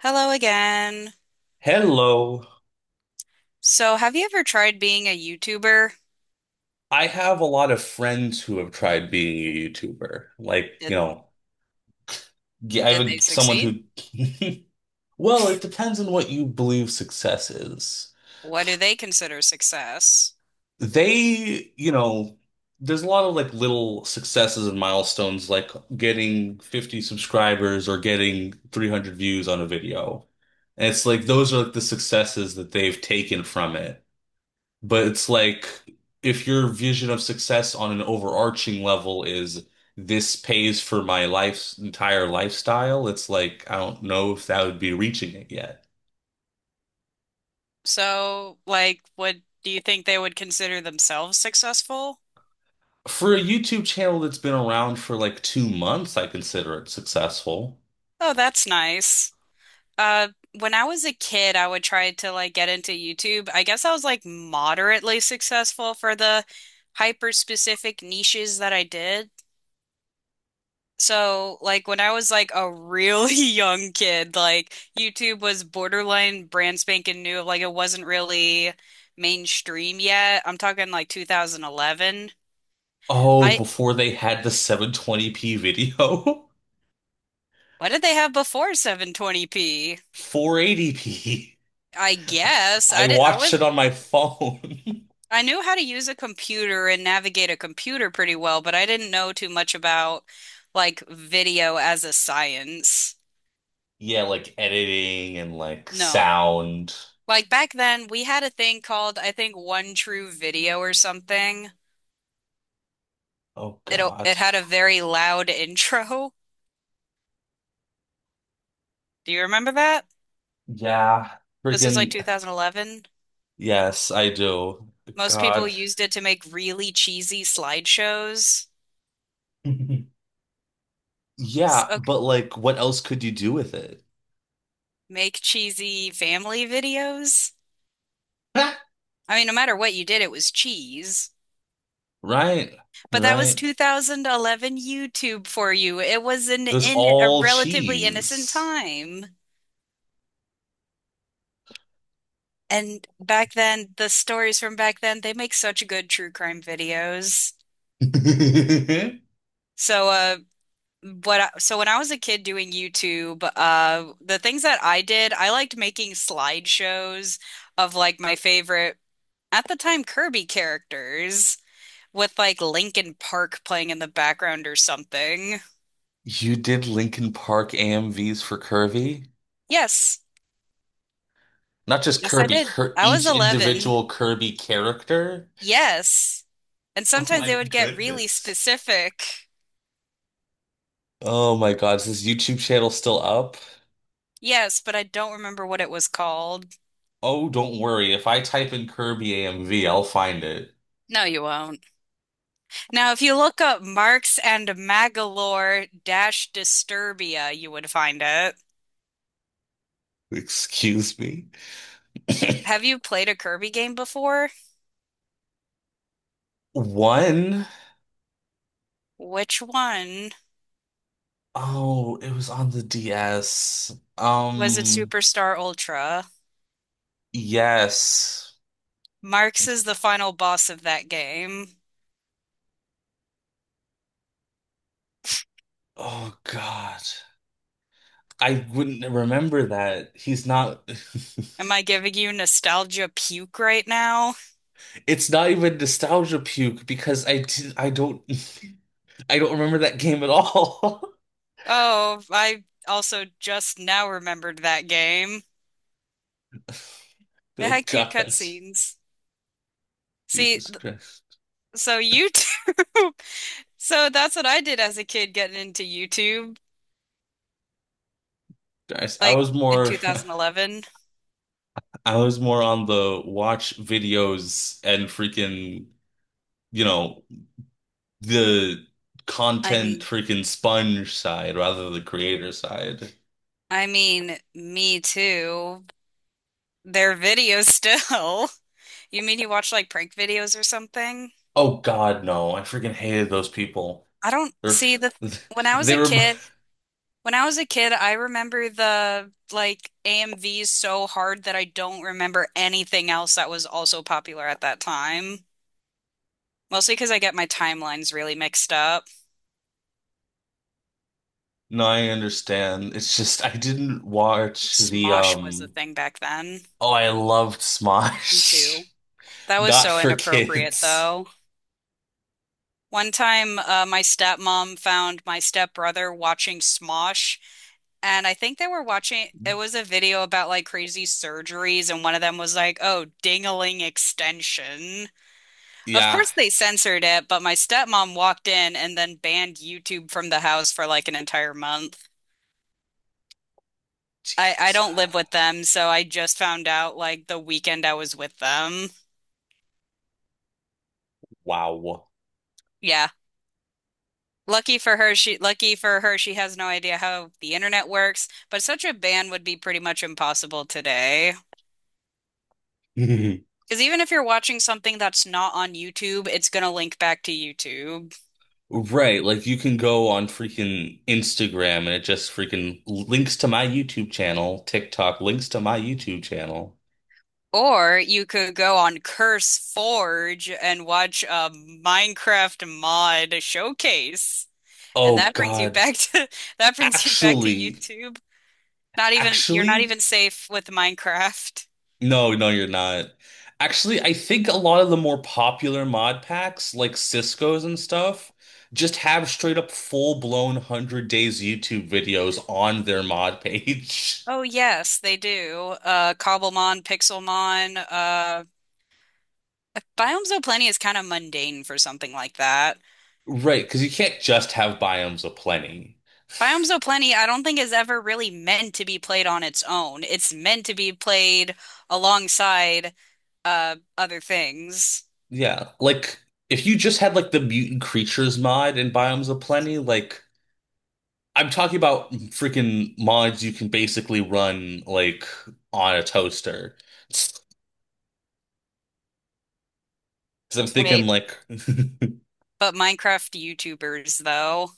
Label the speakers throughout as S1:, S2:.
S1: Hello again.
S2: Hello.
S1: So, have you ever tried being a YouTuber?
S2: I have a lot of friends who have tried being a YouTuber. Like, you
S1: Did
S2: know, g- I have
S1: did
S2: a,
S1: they
S2: someone
S1: succeed?
S2: who, well, it depends on what you believe success is.
S1: What do they consider success?
S2: They, you know, there's a lot of like little successes and milestones, like getting 50 subscribers or getting 300 views on a video. And it's like those are like the successes that they've taken from it. But it's like if your vision of success on an overarching level is this pays for my life's entire lifestyle, it's like I don't know if that would be reaching it yet.
S1: So, like, what do you think they would consider themselves successful?
S2: For a YouTube channel that's been around for like 2 months, I consider it successful.
S1: Oh, that's nice. Uh, when I was a kid, I would try to like get into YouTube. I guess I was like moderately successful for the hyper specific niches that I did. So, like when I was like a really young kid, like YouTube was borderline brand spanking new. Like it wasn't really mainstream yet. I'm talking like 2011.
S2: Oh,
S1: I
S2: before they had the 720p video,
S1: What did they have before 720p?
S2: 480p.
S1: I guess I
S2: I
S1: did.
S2: watched it on my phone.
S1: I knew how to use a computer and navigate a computer pretty well, but I didn't know too much about like video as a science.
S2: Yeah, like editing and like
S1: No.
S2: sound.
S1: Like back then, we had a thing called, I think, One True Video or something.
S2: Oh
S1: It
S2: God.
S1: it had a very loud intro. Do you remember that?
S2: Yeah,
S1: This was like
S2: freaking
S1: 2011.
S2: yes, I do.
S1: Most people
S2: God.
S1: used it to make really cheesy slideshows. s-
S2: Yeah,
S1: ok-
S2: but like what else could you do with it?
S1: Make cheesy family videos. I mean, no matter what you did, it was cheese.
S2: Right?
S1: But that was
S2: Right?
S1: 2011 YouTube for you. It was an
S2: It was
S1: in a
S2: all
S1: relatively innocent
S2: cheese.
S1: time. And back then, the stories from back then, they make such good true crime videos. So, so when I was a kid doing YouTube, the things that I did, I liked making slideshows of like my favorite at the time Kirby characters with like Linkin Park playing in the background or something.
S2: You did Lincoln Park AMVs for Kirby?
S1: Yes,
S2: Not just
S1: yes, I
S2: Kirby,
S1: did.
S2: Kir
S1: I was
S2: each
S1: 11.
S2: individual Kirby character?
S1: Yes. And
S2: Oh
S1: sometimes
S2: my
S1: they would get really
S2: goodness.
S1: specific.
S2: Oh my God, is this YouTube channel still up?
S1: Yes, but I don't remember what it was called.
S2: Oh, don't worry. If I type in Kirby AMV, I'll find it.
S1: No, you won't. Now, if you look up Marx and Magalore dash Disturbia, you would find it.
S2: Excuse me.
S1: Have you played a Kirby game before?
S2: One,
S1: Which one?
S2: oh, it was on the DS.
S1: Was it Superstar Ultra?
S2: Yes.
S1: Marx is the final boss of that game.
S2: Oh God. I wouldn't remember that. He's not
S1: Am I giving you nostalgia puke right now?
S2: It's not even nostalgia puke because I don't I don't remember that game at all.
S1: Oh, I also just now remembered that game. It
S2: Oh
S1: had cute
S2: God.
S1: cutscenes. See,
S2: Jesus
S1: th-
S2: Christ.
S1: so YouTube. So that's what I did as a kid getting into YouTube.
S2: Guys, I
S1: Like
S2: was
S1: in
S2: more
S1: 2011.
S2: I was more on the watch videos and you know, the
S1: I
S2: content
S1: mean,
S2: freaking sponge side rather than the creator side.
S1: I mean, me too. Their videos still. You mean you watch like prank videos or something?
S2: Oh God, no. I freaking hated those people.
S1: I don't
S2: They're
S1: see the when I was
S2: they
S1: a
S2: were
S1: kid, when I was a kid, I remember the like AMVs so hard that I don't remember anything else that was also popular at that time. Mostly because I get my timelines really mixed up. I
S2: no, I understand. It's just I didn't
S1: Think
S2: watch the
S1: Smosh was the thing back then.
S2: oh, I loved
S1: Me
S2: Smosh.
S1: too. That was
S2: Not
S1: so
S2: for
S1: inappropriate
S2: kids.
S1: though. One time, my stepmom found my stepbrother watching Smosh, and I think they were watching, it was a video about like crazy surgeries, and one of them was like, oh, dingling extension. Of
S2: Yeah.
S1: course, they censored it, but my stepmom walked in and then banned YouTube from the house for like an entire month. I
S2: Jeez.
S1: don't live with them, so I just found out like the weekend I was with them.
S2: Wow.
S1: Yeah. Lucky for her, she has no idea how the internet works, but such a ban would be pretty much impossible today. Because even if you're watching something that's not on YouTube, it's gonna link back to YouTube.
S2: Right, like you can go on freaking Instagram and it just freaking links to my YouTube channel, TikTok links to my YouTube channel.
S1: Or you could go on Curse Forge and watch a Minecraft mod showcase. And
S2: Oh
S1: that brings you
S2: God.
S1: back to that brings you back to
S2: Actually,
S1: YouTube. Not even you're not
S2: actually,
S1: even safe with Minecraft.
S2: no, no, you're not. Actually, I think a lot of the more popular mod packs, like Cisco's and stuff, just have straight up full-blown 100 days YouTube videos on their mod page.
S1: Oh yes, they do. Cobblemon, Pixelmon, Biomes Zooplenia is kind of mundane for something like that.
S2: Right, because you can't just have biomes of plenty.
S1: Biomes Zooplany, I don't think is ever really meant to be played on its own. It's meant to be played alongside other things.
S2: Yeah, like if you just had like the mutant creatures mod in Biomes of Plenty, like I'm talking about freaking mods you can basically run like on a toaster. Because I'm thinking
S1: Wait,
S2: like,
S1: but Minecraft YouTubers though.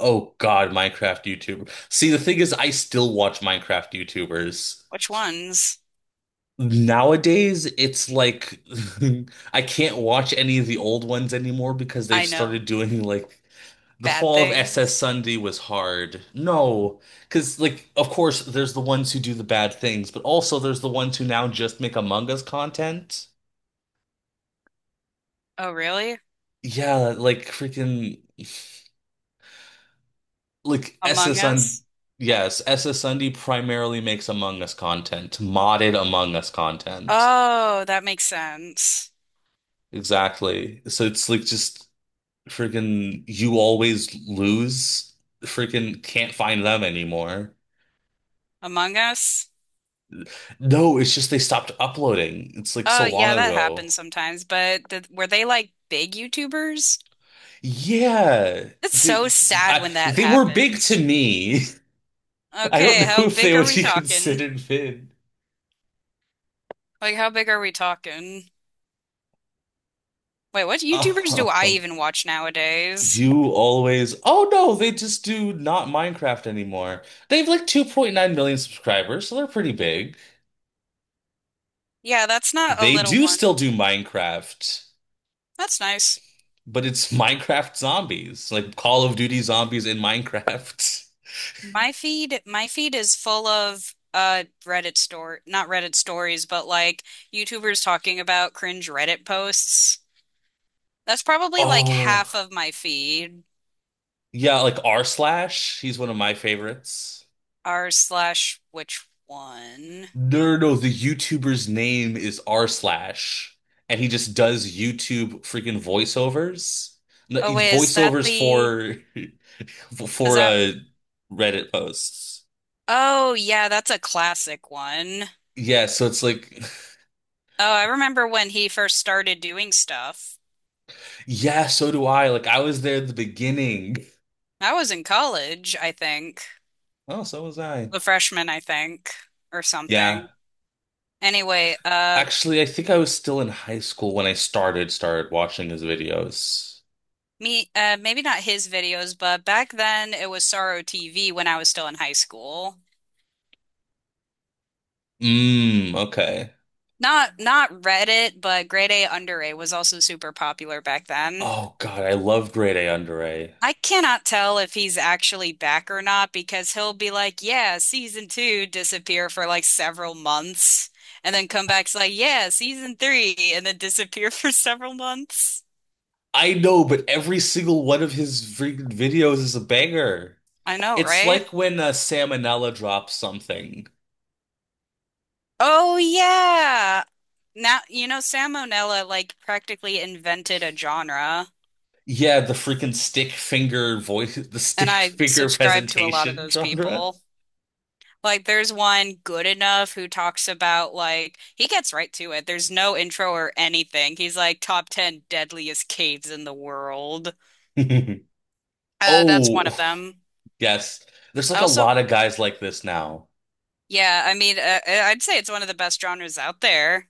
S2: oh God, Minecraft YouTuber. See, the thing is, I still watch Minecraft YouTubers.
S1: Which ones?
S2: Nowadays, it's like I can't watch any of the old ones anymore because they've
S1: I know.
S2: started doing like the
S1: Bad
S2: Fall of SS
S1: things.
S2: Sunday was hard. No, because like of course there's the ones who do the bad things, but also there's the ones who now just make Among Us content.
S1: Oh, really?
S2: Yeah, like freaking like
S1: Among
S2: SS on
S1: Us?
S2: yes, SS Sunday primarily makes Among Us content, modded Among Us content.
S1: Oh, that makes sense.
S2: Exactly. So it's like just. Freaking, you always lose. Freaking, can't find them anymore.
S1: Among Us?
S2: No, it's just they stopped uploading. It's like
S1: Oh,
S2: so long
S1: yeah, that
S2: ago.
S1: happens sometimes, but th were they like big YouTubers?
S2: Yeah,
S1: It's
S2: they
S1: so sad
S2: I,
S1: when that
S2: they were big to
S1: happens.
S2: me. I don't
S1: Okay,
S2: know
S1: how
S2: if they
S1: big are
S2: would
S1: we
S2: be
S1: talking?
S2: considered big.
S1: Like, how big are we talking? Wait, what YouTubers do I
S2: Oh,
S1: even watch nowadays?
S2: you always. Oh no, they just do not Minecraft anymore. They have like 2.9 million subscribers, so they're pretty big.
S1: Yeah, that's not a
S2: They
S1: little
S2: do
S1: one.
S2: still do Minecraft.
S1: That's nice.
S2: But it's Minecraft zombies, like Call of Duty zombies in Minecraft.
S1: My feed is full of Reddit story, not Reddit stories, but like YouTubers talking about cringe Reddit posts. That's probably like
S2: Oh,
S1: half of my feed.
S2: yeah, like r slash. He's one of my favorites.
S1: R slash which one?
S2: No, no, no, the YouTuber's name is r slash, and he just does YouTube freaking voiceovers, no,
S1: Oh
S2: he-
S1: wait, is that
S2: voiceovers
S1: the
S2: for
S1: is
S2: for
S1: that?
S2: Reddit posts.
S1: Oh, yeah, that's a classic one.
S2: Yeah, so it's like,
S1: Oh, I remember when he first started doing stuff.
S2: yeah, so do I. Like I was there at the beginning.
S1: I was in college, I think,
S2: Oh, so was I.
S1: a freshman, I think, or
S2: Yeah.
S1: something. Anyway,
S2: Actually, I think I was still in high school when I started started watching his videos.
S1: maybe not his videos, but back then it was Sorrow TV when I was still in high school.
S2: Mm, okay.
S1: Not Reddit, but grade A under A was also super popular back then.
S2: Oh God, I love Grade A Under A.
S1: I cannot tell if he's actually back or not because he'll be like, yeah, season two, disappear for like several months, and then come back, it's like, yeah, season three, and then disappear for several months.
S2: I know, but every single one of his freaking videos is a banger.
S1: I know,
S2: It's
S1: right?
S2: like when Salmonella drops something.
S1: Oh, yeah. Now, you know, Salmonella like practically invented a genre,
S2: Yeah, the freaking stick finger voice, the stick
S1: and I
S2: finger
S1: subscribe to a lot of
S2: presentation
S1: those
S2: genre.
S1: people. Like there's one good enough who talks about like he gets right to it. There's no intro or anything. He's like top 10 deadliest caves in the world. That's one of
S2: Oh,
S1: them.
S2: yes. There's like a lot
S1: Also,
S2: of guys like this now.
S1: yeah, I mean I'd say it's one of the best genres out there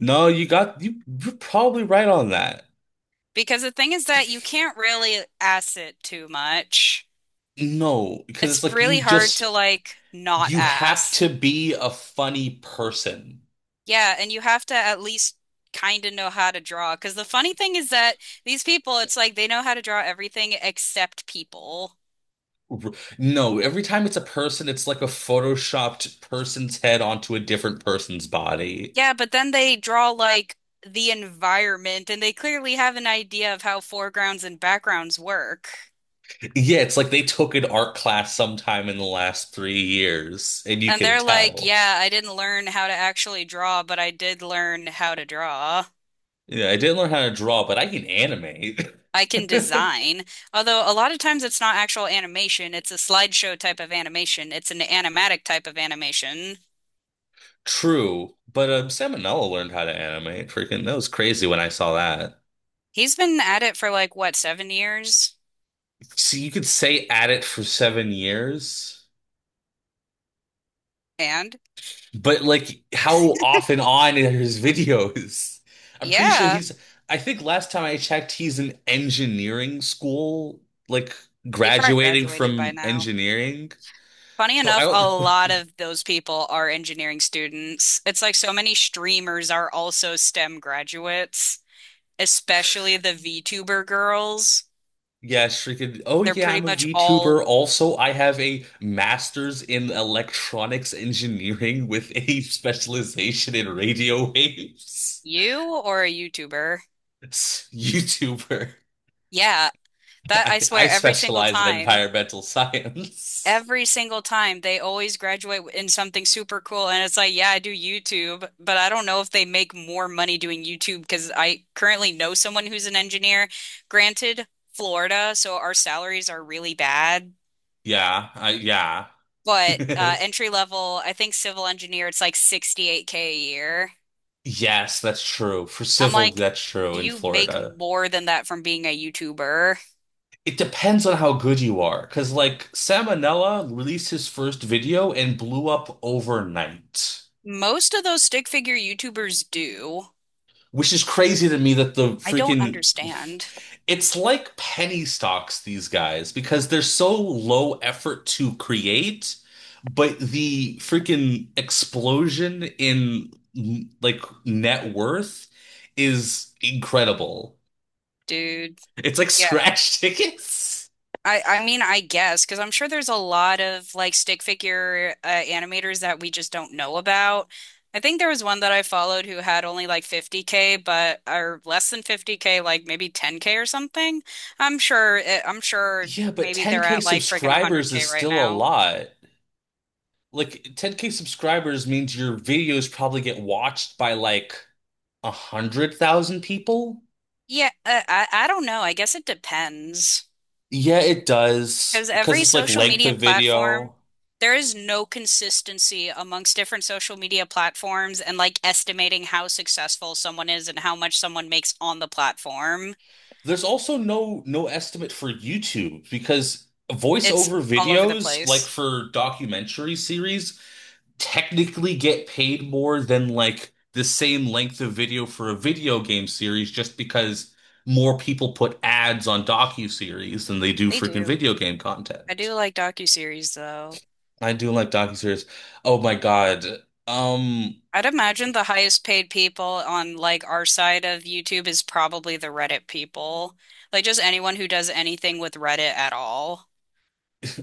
S2: No, you're probably right on that.
S1: because the thing is that you can't really ass it too much.
S2: No, because it's
S1: It's
S2: like
S1: really hard to like not
S2: you have
S1: ass.
S2: to be a funny person.
S1: Yeah, and you have to at least kind of know how to draw. Because the funny thing is that these people, it's like they know how to draw everything except people.
S2: R- No, every time it's a person, it's like a photoshopped person's head onto a different person's body.
S1: Yeah, but then they draw like the environment and they clearly have an idea of how foregrounds and backgrounds work.
S2: Yeah, it's like they took an art class sometime in the last 3 years, and you
S1: And
S2: can
S1: they're like,
S2: tell.
S1: yeah, I didn't learn how to actually draw, but I did learn how to draw.
S2: Yeah, I didn't learn how to draw, but I can animate.
S1: I can design. Although a lot of times it's not actual animation, it's a slideshow type of animation, it's an animatic type of animation.
S2: True, but Salmonella learned how to animate. Freaking, that was crazy when I saw that.
S1: He's been at it for like what, 7 years?
S2: So you could say at it for 7 years.
S1: And
S2: But like how off and on are his videos? I'm pretty sure
S1: yeah,
S2: he's I think last time I checked he's in engineering school, like
S1: he probably
S2: graduating
S1: graduated by
S2: from
S1: now.
S2: engineering.
S1: Funny
S2: So I
S1: enough,
S2: don't
S1: a lot of those people are engineering students. It's like so many streamers are also STEM graduates, especially the VTuber girls.
S2: Yeah, shrieking. Oh
S1: They're
S2: yeah,
S1: pretty
S2: I'm a
S1: much
S2: VTuber.
S1: all
S2: Also, I have a master's in electronics engineering with a specialization in radio waves.
S1: you or a YouTuber.
S2: YouTuber.
S1: Yeah, that I
S2: I
S1: swear every single
S2: specialize in
S1: time.
S2: environmental science.
S1: Every single time they always graduate in something super cool, and it's like yeah I do YouTube, but I don't know if they make more money doing YouTube because I currently know someone who's an engineer, granted Florida so our salaries are really bad,
S2: Yeah.
S1: but entry level I think civil engineer it's like 68k a year.
S2: Yes, that's true. For
S1: I'm
S2: civil,
S1: like,
S2: that's true
S1: do
S2: in
S1: you make
S2: Florida.
S1: more than that from being a YouTuber?
S2: It depends on how good you are. Because, like, Salmonella released his first video and blew up overnight,
S1: Most of those stick figure YouTubers do.
S2: which is crazy to me that the
S1: I don't
S2: freaking.
S1: understand,
S2: It's like penny stocks, these guys, because they're so low effort to create, but the freaking explosion in, like, net worth is incredible.
S1: dude.
S2: It's like
S1: Yeah,
S2: scratch tickets.
S1: I mean I guess because I'm sure there's a lot of like stick figure animators that we just don't know about. I think there was one that I followed who had only like 50k, but or less than 50k, like maybe 10k or something. I'm sure
S2: Yeah, but
S1: maybe they're
S2: 10K
S1: at like freaking
S2: subscribers is
S1: 100k right
S2: still a
S1: now.
S2: lot. Like 10K subscribers means your videos probably get watched by like 100,000 people.
S1: Yeah, I don't know. I guess it depends.
S2: Yeah, it does
S1: Because
S2: because
S1: every
S2: it's like
S1: social
S2: length
S1: media
S2: of
S1: platform,
S2: video.
S1: there is no consistency amongst different social media platforms and like estimating how successful someone is and how much someone makes on the platform.
S2: There's also no no estimate for YouTube because
S1: It's
S2: voiceover
S1: all over the
S2: videos, like
S1: place.
S2: for documentary series, technically get paid more than like the same length of video for a video game series just because more people put ads on docuseries than they do
S1: They
S2: freaking
S1: do.
S2: video game
S1: I
S2: content.
S1: do like docuseries though.
S2: I do like docuseries. Oh my God. Um,
S1: I'd imagine the highest paid people on like our side of YouTube is probably the Reddit people. Like just anyone who does anything with Reddit at all.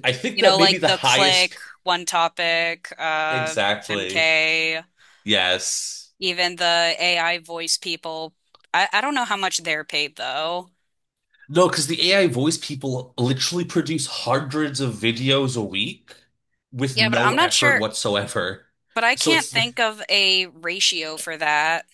S2: I think
S1: You
S2: that
S1: know,
S2: maybe
S1: like
S2: the
S1: The
S2: highest
S1: Click, One Topic,
S2: exactly.
S1: MK.
S2: Yes.
S1: Even the AI voice people, I don't know how much they're paid though.
S2: No, because the AI voice people literally produce hundreds of videos a week with
S1: Yeah, but
S2: no
S1: I'm not
S2: effort
S1: sure.
S2: whatsoever.
S1: But I
S2: So
S1: can't
S2: it's
S1: think of a ratio for that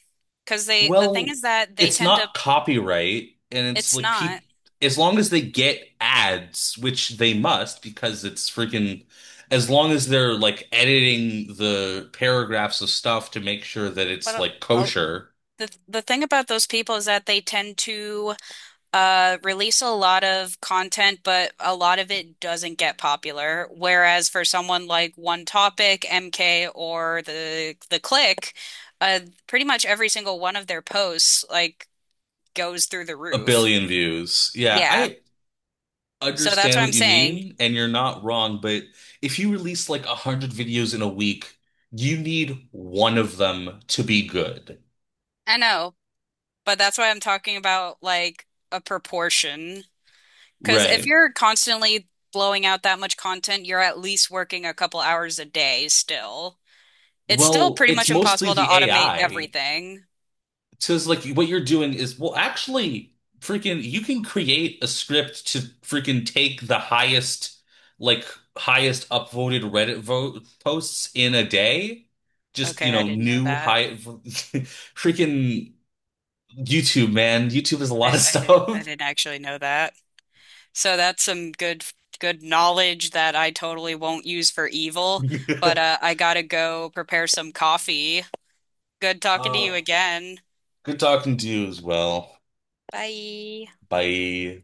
S1: because the thing
S2: well,
S1: is that they
S2: it's
S1: tend to
S2: not copyright, and it's
S1: it's
S2: like
S1: not.
S2: people, as long as they get ads, which they must because it's freaking, as long as they're like editing the paragraphs of stuff to make sure that
S1: But
S2: it's like
S1: oh,
S2: kosher,
S1: the thing about those people is that they tend to release a lot of content, but a lot of it doesn't get popular. Whereas for someone like One Topic, MK, or the Click, uh, pretty much every single one of their posts, like goes through the
S2: a
S1: roof.
S2: billion views. Yeah,
S1: Yeah.
S2: I
S1: So that's
S2: understand
S1: what
S2: what
S1: I'm
S2: you
S1: saying.
S2: mean, and you're not wrong, but if you release like 100 videos in a week, you need one of them to be good.
S1: I know, but that's why I'm talking about like a proportion. Because if
S2: Right.
S1: you're constantly blowing out that much content, you're at least working a couple hours a day still. It's still
S2: Well,
S1: pretty
S2: it's
S1: much
S2: mostly
S1: impossible to
S2: the
S1: automate
S2: AI.
S1: everything.
S2: So it's like what you're doing is, well, actually, freaking, you can create a script to freaking take the highest, like, highest upvoted Reddit vote posts in a day. Just, you
S1: Okay, I
S2: know,
S1: didn't know
S2: new
S1: that.
S2: high, freaking YouTube, man. YouTube is a lot of
S1: I
S2: stuff.
S1: didn't actually know that. So that's some good good knowledge that I totally won't use for evil, but I gotta go prepare some coffee. Good talking to you
S2: Uh,
S1: again.
S2: good talking to you as well.
S1: Bye.
S2: Bye.